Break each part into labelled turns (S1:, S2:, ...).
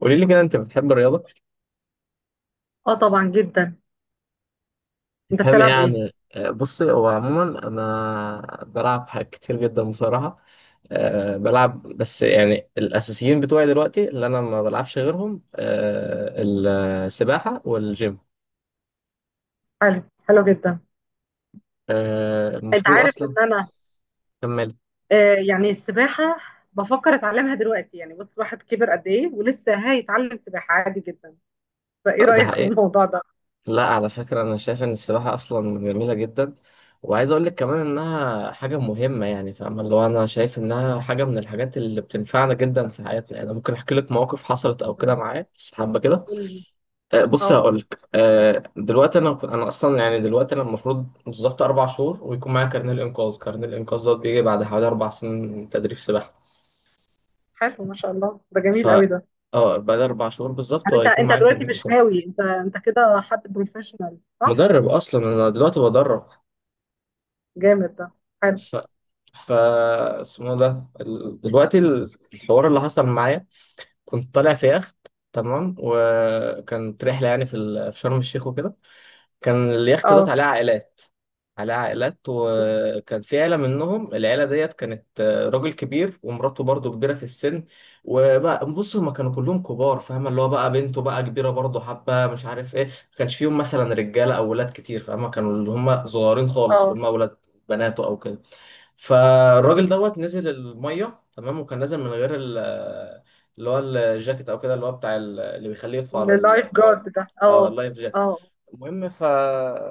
S1: قولي لي كده، انت بتحب الرياضه؟
S2: اه طبعا جدا. انت
S1: تفهمي ايه
S2: بتلعب ايه؟
S1: عن بصي، هو عموما انا بلعب حاجات كتير جدا بصراحه. بلعب بس يعني الاساسيين بتوعي دلوقتي اللي انا ما بلعبش غيرهم، السباحه والجيم.
S2: حلو، حلو جدا. انت
S1: المفروض
S2: عارف
S1: اصلا.
S2: ان انا
S1: كمل.
S2: يعني السباحه بفكر اتعلمها دلوقتي، يعني بص الواحد كبر قد ايه ولسه هيتعلم سباحه عادي جدا. فايه
S1: ده
S2: رايك في
S1: حقيقي.
S2: الموضوع ده؟
S1: لا، على فكرة أنا شايف إن السباحة أصلا جميلة جدا. وعايز أقول لك كمان إنها حاجة مهمة، يعني فاهمة اللي هو أنا شايف إنها حاجة من الحاجات اللي بتنفعنا جدا في حياتنا، يعني أنا ممكن أحكي لك مواقف حصلت أو كده
S2: طيب،
S1: معايا، بس حابة كده.
S2: قول لي. اه
S1: بصي، هقول
S2: آه.
S1: لك. دلوقتي أنا أصلا يعني دلوقتي أنا المفروض بالظبط 4 شهور ويكون معايا كارنيه الإنقاذ. كارنيه الإنقاذ ده بيجي بعد حوالي 4 سنين تدريب سباحة.
S2: حلو، ما شاء الله، ده
S1: ف
S2: جميل قوي ده.
S1: اه بعد 4 شهور بالظبط
S2: يعني انت
S1: هيكون
S2: انت
S1: معايا
S2: دلوقتي
S1: كارنيه
S2: مش
S1: الإنقاذ.
S2: هاوي، انت كده حد بروفيشنال صح؟
S1: مدرب أصلا، أنا دلوقتي بدرب.
S2: جامد ده. حلو.
S1: ف ف اسمه ده دلوقتي الحوار اللي حصل معايا. كنت طالع في يخت. تمام، وكانت رحلة يعني في شرم الشيخ وكده. كان اليخت دوت
S2: اه
S1: عليه عائلات. وكان في عيلة منهم، العيلة ديت كانت راجل كبير ومراته برضه كبيرة في السن. وبقى بص، هما كانوا كلهم كبار فاهمة اللي هو بقى، بنته بقى كبيرة برضه حبة مش عارف ايه، ما كانش فيهم مثلا رجالة أو ولاد كتير فاهمة، كانوا اللي هما صغيرين خالص اللي
S2: اه.
S1: هما ولاد بناته أو كده. فالراجل دوت نزل الميه، تمام، وكان نازل من غير اللي هو الجاكيت او كده، اللي هو بتاع اللي بيخليه يطفو على
S2: اللايف
S1: الميه.
S2: جارد ده؟
S1: اه،
S2: اه
S1: اللايف جاكيت.
S2: اه
S1: المهم.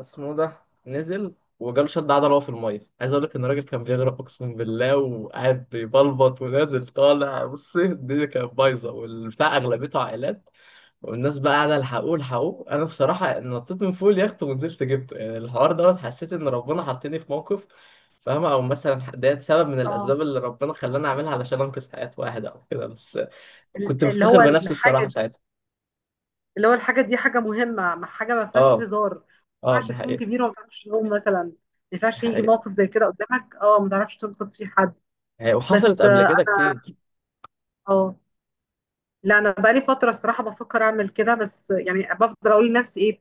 S1: اسمه ده. نزل وجاله شد عضله وهو في الميه، عايز اقول لك ان الراجل كان بيغرق اقسم بالله، وقاعد بيبلبط ونازل طالع، بص، الدنيا كانت بايظه والبتاع اغلبيته عائلات. والناس بقى قاعدة الحقوه الحقوه. انا بصراحة نطيت من فوق اليخت ونزلت جبته، يعني الحوار دوت حسيت ان ربنا حطني في موقف. فاهمة؟ او مثلا ديت سبب من
S2: اه.
S1: الاسباب اللي ربنا خلاني اعملها علشان انقذ حياة واحد او كده بس. كنت
S2: اللي
S1: بفتخر
S2: هو
S1: بنفسي بصراحة
S2: الحاجه،
S1: ساعتها.
S2: اللي هو الحاجة دي حاجة مهمة، حاجة ما فيهاش
S1: اه،
S2: هزار. ما
S1: اه.
S2: ينفعش
S1: ده
S2: تكون
S1: حقيقة
S2: كبيرة وما تعرفش تقوم، مثلا ما
S1: ده
S2: ينفعش
S1: حقيقة.
S2: يجي
S1: ده
S2: موقف زي كده قدامك اه ما تعرفش تنقذ فيه حد.
S1: حقيقة. وحصلت
S2: بس
S1: قبل كده كتير.
S2: اه. لا انا بقالي فتره الصراحه بفكر اعمل كده، بس يعني بفضل اقول لنفسي ايه،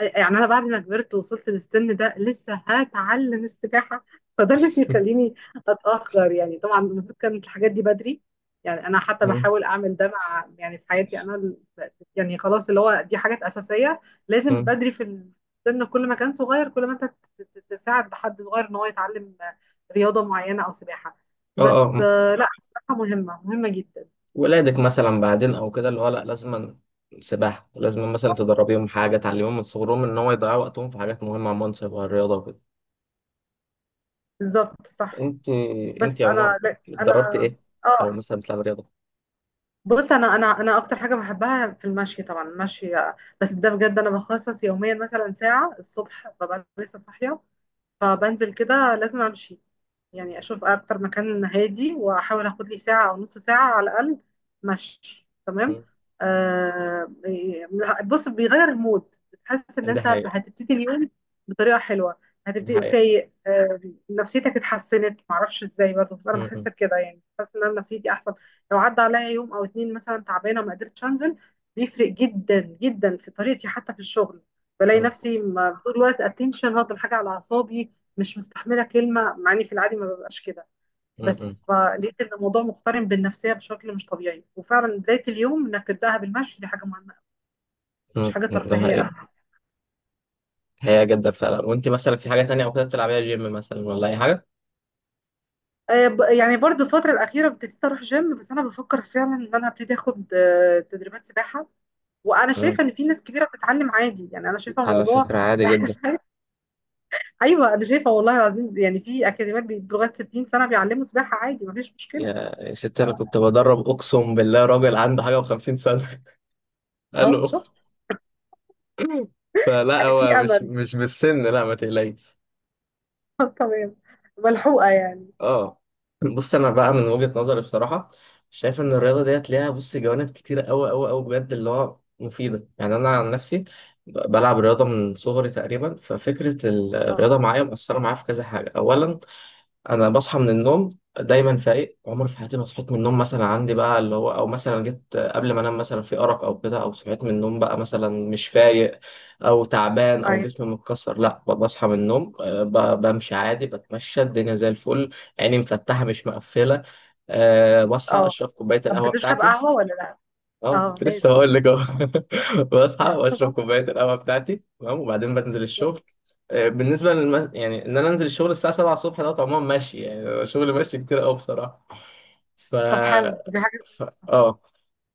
S2: يعني انا بعد ما كبرت ووصلت للسن ده لسه هتعلم السباحه، فده اللي بيخليني اتاخر. يعني طبعا المفروض كانت الحاجات دي بدري، يعني انا حتى
S1: مم.
S2: بحاول اعمل ده مع، يعني في حياتي انا يعني خلاص اللي هو دي حاجات اساسيه لازم
S1: مم.
S2: بدري في السن، كل ما كان صغير كل ما انت تساعد حد صغير ان هو يتعلم رياضه معينه او سباحه.
S1: اه، اه،
S2: بس
S1: مم.
S2: لا السباحه مهمه، مهمه جدا.
S1: ولادك مثلا بعدين او كده، اللي هو لا، لازما سباحة لازم مثلا تدربيهم حاجة، تعلميهم من صغرهم ان هو يضيعوا وقتهم في حاجات مهمة عن منصب والرياضة وكده.
S2: بالظبط صح.
S1: انت انت
S2: بس انا
S1: عموما
S2: لا انا
S1: اتدربت ايه؟ او
S2: اه.
S1: مثلا بتلعب رياضه؟
S2: بص انا انا اكتر حاجه بحبها في المشي، طبعا المشي، بس ده بجد انا بخصص يوميا مثلا ساعه الصبح ببقى لسه صاحيه، فبنزل كده لازم امشي، يعني اشوف اكتر مكان هادي واحاول اخد لي ساعه او نص ساعه على الاقل مشي. تمام.
S1: مم.
S2: آه إيه، بص بيغير المود، بتحس ان
S1: ده
S2: انت
S1: حقيقه.
S2: هتبتدي اليوم بطريقه حلوه،
S1: ده
S2: هتبتدي
S1: حقيقه.
S2: فايق نفسيتك اتحسنت، معرفش ازاي برضه، بس انا
S1: مم.
S2: بحس بكده، يعني بحس ان انا نفسيتي احسن. لو عدى عليا يوم او اتنين مثلا تعبانه وما قدرتش انزل بيفرق جدا جدا في طريقتي حتى في الشغل، بلاقي
S1: مم.
S2: نفسي طول الوقت اتنشن واخد الحاجه على اعصابي، مش مستحمله كلمه، مع اني في العادي ما ببقاش كده.
S1: مم.
S2: بس
S1: مم.
S2: فلقيت ان الموضوع مقترن بالنفسيه بشكل مش طبيعي، وفعلا بدايه اليوم انك تبداها بالمشي دي حاجه مهمه أوي، مش
S1: مم.
S2: حاجه
S1: مم. ده
S2: ترفيهيه
S1: حقيقه.
S2: أبدا.
S1: حقيقه جدا فعلا. وانت مثلا في حاجه تانية او كده بتلعبيها، جيم مثلا ولا اي حاجه؟
S2: يعني برضو الفتره الاخيره ابتديت اروح جيم، بس انا بفكر فعلا ان انا ابتدي اخد تدريبات سباحه. وانا
S1: مم.
S2: شايفه ان في ناس كبيره بتتعلم عادي، يعني انا شايفه
S1: على
S2: الموضوع
S1: فكره، عادي جدا.
S2: ايوه. انا شايفه والله العظيم، يعني في اكاديميات لغايه 60 سنه بيعلموا سباحه عادي، مفيش
S1: يا
S2: مشكله.
S1: يا ست، انا كنت بدرب اقسم بالله راجل عنده حاجه و50 سنه.
S2: اهو
S1: الو.
S2: شفت،
S1: فلا،
S2: يعني في
S1: هو مش
S2: امل.
S1: مش بالسن، لا، ما تقلقيش.
S2: تمام، ملحوقه يعني.
S1: اه، بص، انا بقى من وجهة نظري بصراحة شايف ان الرياضة ديت ليها، بص، جوانب كتيرة قوي قوي قوي بجد اللي هو مفيدة، يعني انا عن نفسي بلعب رياضة من صغري تقريبا، ففكرة الرياضة
S2: اه.
S1: معايا مؤثرة معايا في كذا حاجة. اولا، انا بصحى من النوم دايما فايق. عمري في حياتي ما صحيت من النوم مثلا عندي بقى اللي هو، او مثلا جيت قبل ما انام مثلا في ارق او كده، او صحيت من النوم بقى مثلا مش فايق او تعبان او
S2: طيب
S1: جسمي متكسر، لا، بصحى من النوم، بمشي عادي، بتمشى الدنيا زي الفل. عيني مفتحة مش مقفلة. بصحى
S2: اه.
S1: اشرب كوباية
S2: طب
S1: القهوة
S2: بتشرب
S1: بتاعتي.
S2: قهوة ولا لا؟
S1: اه،
S2: اه
S1: كنت لسه
S2: لازم.
S1: هقول لك اهو. بصحى واشرب كوبايه القهوه بتاعتي تمام، وبعدين بنزل الشغل. يعني ان انا انزل الشغل الساعه 7 الصبح، ده طبعا ماشي يعني شغل ماشي كتير قوي بصراحه. ف...
S2: طب حلو، دي حاجة.
S1: ف... اه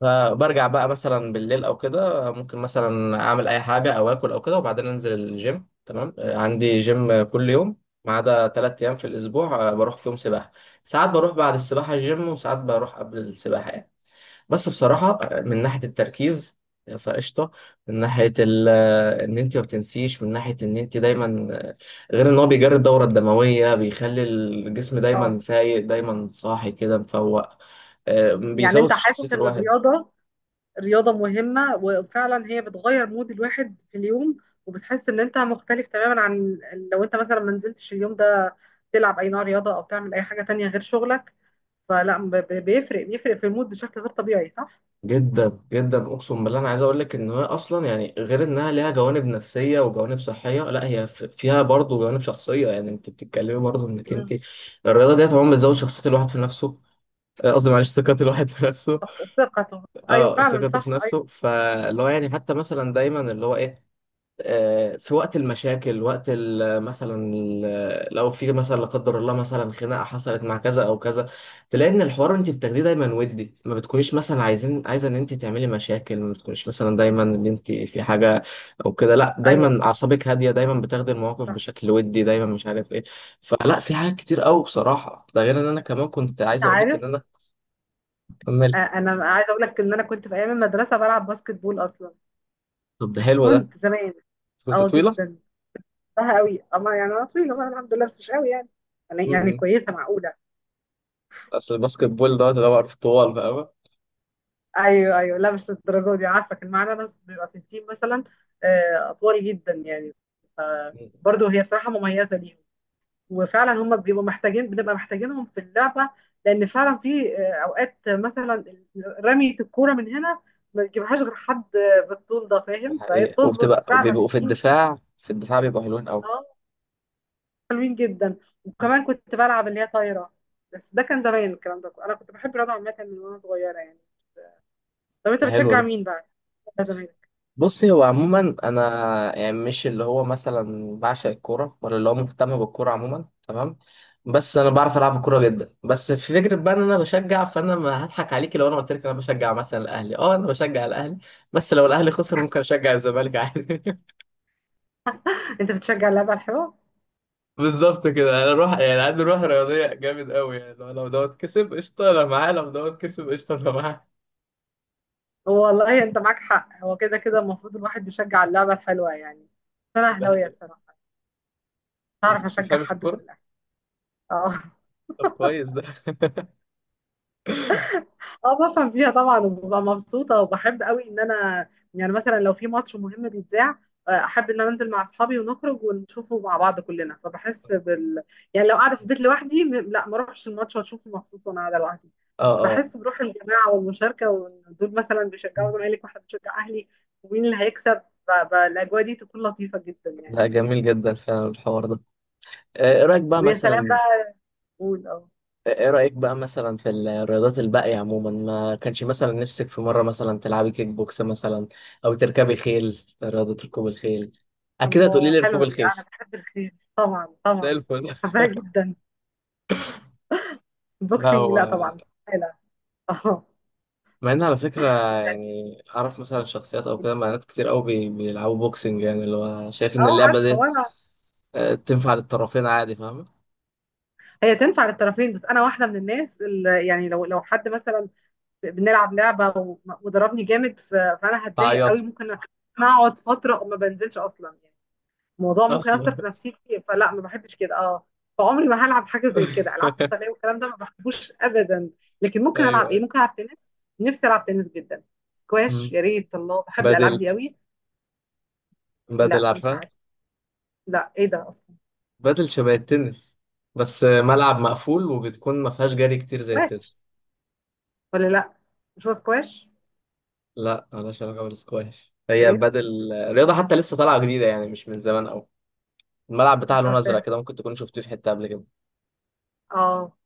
S1: فبرجع بقى مثلا بالليل او كده، ممكن مثلا اعمل اي حاجه او اكل او كده، وبعدين انزل الجيم. تمام. عندي جيم كل يوم ما عدا 3 ايام في الاسبوع، بروح فيهم سباحه. ساعات بروح بعد السباحه الجيم، وساعات بروح قبل السباحه يعني. بس بصراحة من ناحية التركيز فقشطة. من ناحية ان انت ما بتنسيش، من ناحية ان انت دايما غير ان هو بيجري الدورة الدموية، بيخلي الجسم دايما
S2: اه.
S1: فايق دايما صاحي كده مفوق.
S2: يعني
S1: بيزود
S2: انت
S1: في شخصية
S2: حاسس ان
S1: الواحد
S2: الرياضة رياضة مهمة وفعلا هي بتغير مود الواحد في اليوم، وبتحس ان انت مختلف تماما عن لو انت مثلا ما نزلتش اليوم ده تلعب اي نوع رياضة او تعمل اي حاجة تانية غير شغلك، فلا بيفرق في المود بشكل غير طبيعي صح؟
S1: جدا جدا، اقسم بالله. انا عايز اقول لك ان هي اصلا يعني غير انها ليها جوانب نفسية وجوانب صحية، لا هي فيها برضه جوانب شخصية، يعني انت بتتكلمي برضه انك انت
S2: مم.
S1: الرياضة ديت عموما بتزود شخصية الواحد في نفسه. قصدي معلش ثقة الواحد في نفسه.
S2: ثقته. ايوه
S1: اه،
S2: فعلا
S1: ثقته في
S2: صح، ايوه.
S1: نفسه، فاللي هو يعني حتى مثلا دايما اللي هو ايه، في وقت المشاكل، وقت مثلا لو في مثلا لا قدر الله مثلا خناقه حصلت مع كذا او كذا، تلاقي ان الحوار انت بتاخديه دايما ودي، ما بتكونيش مثلا عايزه ان انت تعملي مشاكل، ما بتكونيش مثلا دايما ان انت في حاجه او كده، لا،
S2: ايوه
S1: دايما
S2: صح.
S1: اعصابك هاديه، دايما بتاخدي المواقف
S2: صح.
S1: بشكل ودي، دايما مش عارف ايه. فلا، في حاجات كتير قوي بصراحه. ده غير ان انا كمان كنت
S2: انت
S1: عايز اقول لك ان
S2: عارف،
S1: انا كملت.
S2: انا عايزه اقول لك ان انا كنت في ايام المدرسه بلعب باسكت بول اصلا.
S1: طب ده
S2: بس
S1: حلو ده.
S2: كنت زمان.
S1: كنت
S2: اه
S1: طويله؟
S2: جدا. بحبها قوي. اما يعني انا طويله بقى الحمد لله، بس مش قوي يعني، يعني
S1: م-م.
S2: كويسه معقوله.
S1: اصل الباسكت بول دوت يدور في الطوال فاهم؟
S2: ايوه ايوه، لا مش الدرجه دي، عارفه كان معانا ناس بيبقى في التيم مثلا اطوال جدا يعني.
S1: مم.
S2: برضه هي بصراحه مميزه ليهم، وفعلا هم بيبقوا محتاجين، بنبقى محتاجينهم في اللعبه، لان فعلا في اوقات مثلا رميه الكوره من هنا ما تجيبهاش غير حد بالطول ده،
S1: دي
S2: فاهم؟ فهي
S1: حقيقة،
S2: بتظبط
S1: وبتبقى
S2: فعلا.
S1: وبيبقوا في الدفاع بيبقوا حلوين قوي.
S2: اه، حلوين جدا. وكمان كنت بلعب اللي هي طايره، بس ده كان زمان الكلام ده، انا كنت بحب الرياضه عامه من وانا صغيره يعني. طب انت
S1: ده حلو
S2: بتشجع
S1: ده.
S2: مين بقى؟ ده زمان.
S1: بصي، هو عموما انا يعني مش اللي هو مثلا بعشق الكوره ولا اللي هو مهتم بالكوره عموما، تمام. بس انا بعرف العب الكوره جدا. بس في فكره بقى ان انا بشجع، فانا ما هضحك عليكي لو انا قلت لك انا بشجع مثلا الاهلي. اه، انا بشجع الاهلي. بس لو الاهلي خسر ممكن اشجع الزمالك عادي.
S2: انت بتشجع اللعبه الحلوه.
S1: بالظبط كده. انا روح، يعني عندي روح رياضيه جامد قوي يعني، لو دوت كسب قشطه انا معاه، لو دوت كسب قشطه انا معاه.
S2: هو والله انت معاك حق، هو كده كده المفروض الواحد يشجع اللعبه الحلوه يعني. بس انا
S1: ده
S2: اهلاويه
S1: حقيقي.
S2: الصراحه، مش هعرف اشجع
S1: وبتفهمي في
S2: حد غير
S1: الكوره؟
S2: الاهلي. اه
S1: طب كويس ده.
S2: اه. بفهم فيها طبعا، وببقى مبسوطه، وبحب قوي ان انا، يعني مثلا لو في ماتش مهم بيتذاع احب ان انا انزل مع اصحابي ونخرج ونشوفه مع بعض كلنا، فبحس بال، يعني لو قاعده في البيت لوحدي لا ما اروحش الماتش واشوفه مخصوص وانا قاعده لوحدي،
S1: اه،
S2: بس
S1: اه.
S2: بحس بروح الجماعه والمشاركه، وان دول مثلا بيشجعوا زمالك واحنا بنشجع اهلي، ومين اللي هيكسب، الاجواء دي تكون لطيفه جدا يعني.
S1: لا، جميل جدا فعلا الحوار ده. ايه رأيك بقى
S2: ويا سلام
S1: مثلا.
S2: بقى. قول اه.
S1: ايه رأيك بقى مثلا في الرياضات الباقية عموما، ما كانش مثلا نفسك في مرة مثلا تلعبي كيك بوكس مثلا، او تركبي خيل، رياضة ركوب الخيل؟ اكيد هتقولي
S2: الله،
S1: لي ركوب
S2: حلوه دي،
S1: الخيل.
S2: انا بحب الخيل طبعا
S1: زي
S2: طبعا.
S1: الفل.
S2: بحبها جدا.
S1: لا،
S2: البوكسنج لا
S1: هو
S2: طبعا استحالة. اه.
S1: مع ان على فكره يعني اعرف مثلا شخصيات او كده، بنات كتير قوي بيلعبوا بوكسنج، يعني اللي هو شايف ان
S2: اه
S1: اللعبه
S2: عارفه،
S1: دي
S2: وانا
S1: تنفع للطرفين عادي، فاهم؟
S2: هي تنفع للطرفين، بس انا واحده من الناس اللي يعني لو لو حد مثلا بنلعب لعبه وضربني جامد فانا هتضايق
S1: تعيط
S2: قوي، ممكن اقعد فتره وما بنزلش اصلا يعني، الموضوع ممكن ياثر
S1: اصلا.
S2: في نفسيتي، فلا ما بحبش كده اه. فعمري ما هلعب حاجه زي كده، العاب قتاليه والكلام ده ما بحبوش ابدا. لكن ممكن
S1: ايوه،
S2: العب ايه؟
S1: ايوه.
S2: ممكن العب تنس، نفسي العب تنس جدا.
S1: مم.
S2: سكواش يا ريت، الله بحب الالعاب
S1: بدل
S2: دي قوي.
S1: بدل
S2: لا مش
S1: عارفها؟
S2: عارف، لا ايه ده اصلا؟
S1: بدل شبه التنس، بس ملعب مقفول وبتكون ما فيهاش جري كتير زي
S2: سكواش
S1: التنس.
S2: ولا لا؟ مش هو سكواش؟
S1: لا، ملهاش علاقه بالسكواش. هي بدل، رياضه حتى لسه طالعه جديده يعني مش من زمان قوي. الملعب بتاعها
S2: مش
S1: لون ازرق
S2: عارفاها.
S1: كده، ممكن تكون شفتيه في حته قبل كده.
S2: اه،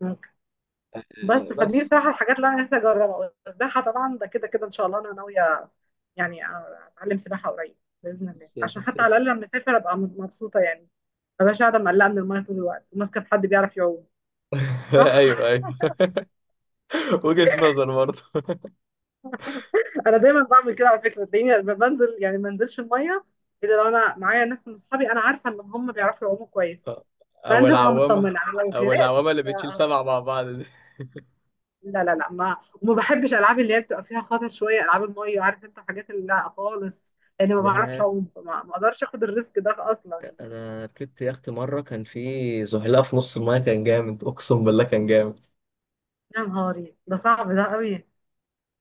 S2: ممكن. بس فدي
S1: بس.
S2: بصراحة الحاجات اللي أنا نفسي أجربها، والسباحة طبعا ده كده كده، إن شاء الله أنا ناوية يعني أتعلم سباحة قريب بإذن الله،
S1: بس يا
S2: عشان
S1: ست.
S2: حتى على الأقل لما أسافر أبقى مبسوطة يعني، ما بقاش قاعدة مقلقة من المية طول الوقت وماسكة في حد بيعرف يعوم. صح.
S1: ايوه، ايوه. وجهة نظر برضه.
S2: أنا دايما بعمل كده على فكرة، تلاقيني لما بنزل يعني ما انزلش المية إلا لو أنا معايا ناس من أصحابي أنا عارفة إن هم بيعرفوا يعوموا كويس،
S1: او
S2: فأنزل وأنا
S1: العوامة
S2: مطمنة، أنا لو
S1: او
S2: غرقت
S1: العوامة اللي بتشيل
S2: آه،
S1: 7 مع بعض دي.
S2: لا ما وما بحبش العاب اللي هي بتبقى فيها خطر شويه، العاب الميه عارف انت، حاجات اللي لا خالص، لان ما بعرفش
S1: ياه،
S2: اعوم، ما اقدرش اخد الريسك ده اصلا يعني.
S1: انا ركبت يخت مرة كان في زحلقة في نص المايه، كان جامد اقسم بالله، كان جامد.
S2: يا نهاري، ده صعب ده قوي.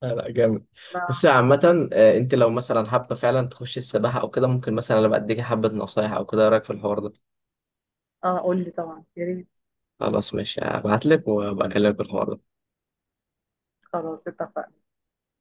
S1: لا، لا، جامد. بس
S2: لا.
S1: عامة، انت لو مثلا حابة فعلا تخشي السباحة او كده، ممكن مثلا انا بديكي حبة نصايح او كده. إيه رايك في الحوار ده؟
S2: اه قول لي طبعا يا ريت.
S1: خلاص ماشي، هبعتلك وابقى اكلمك في الحوار ده.
S2: خلاص اتفقنا.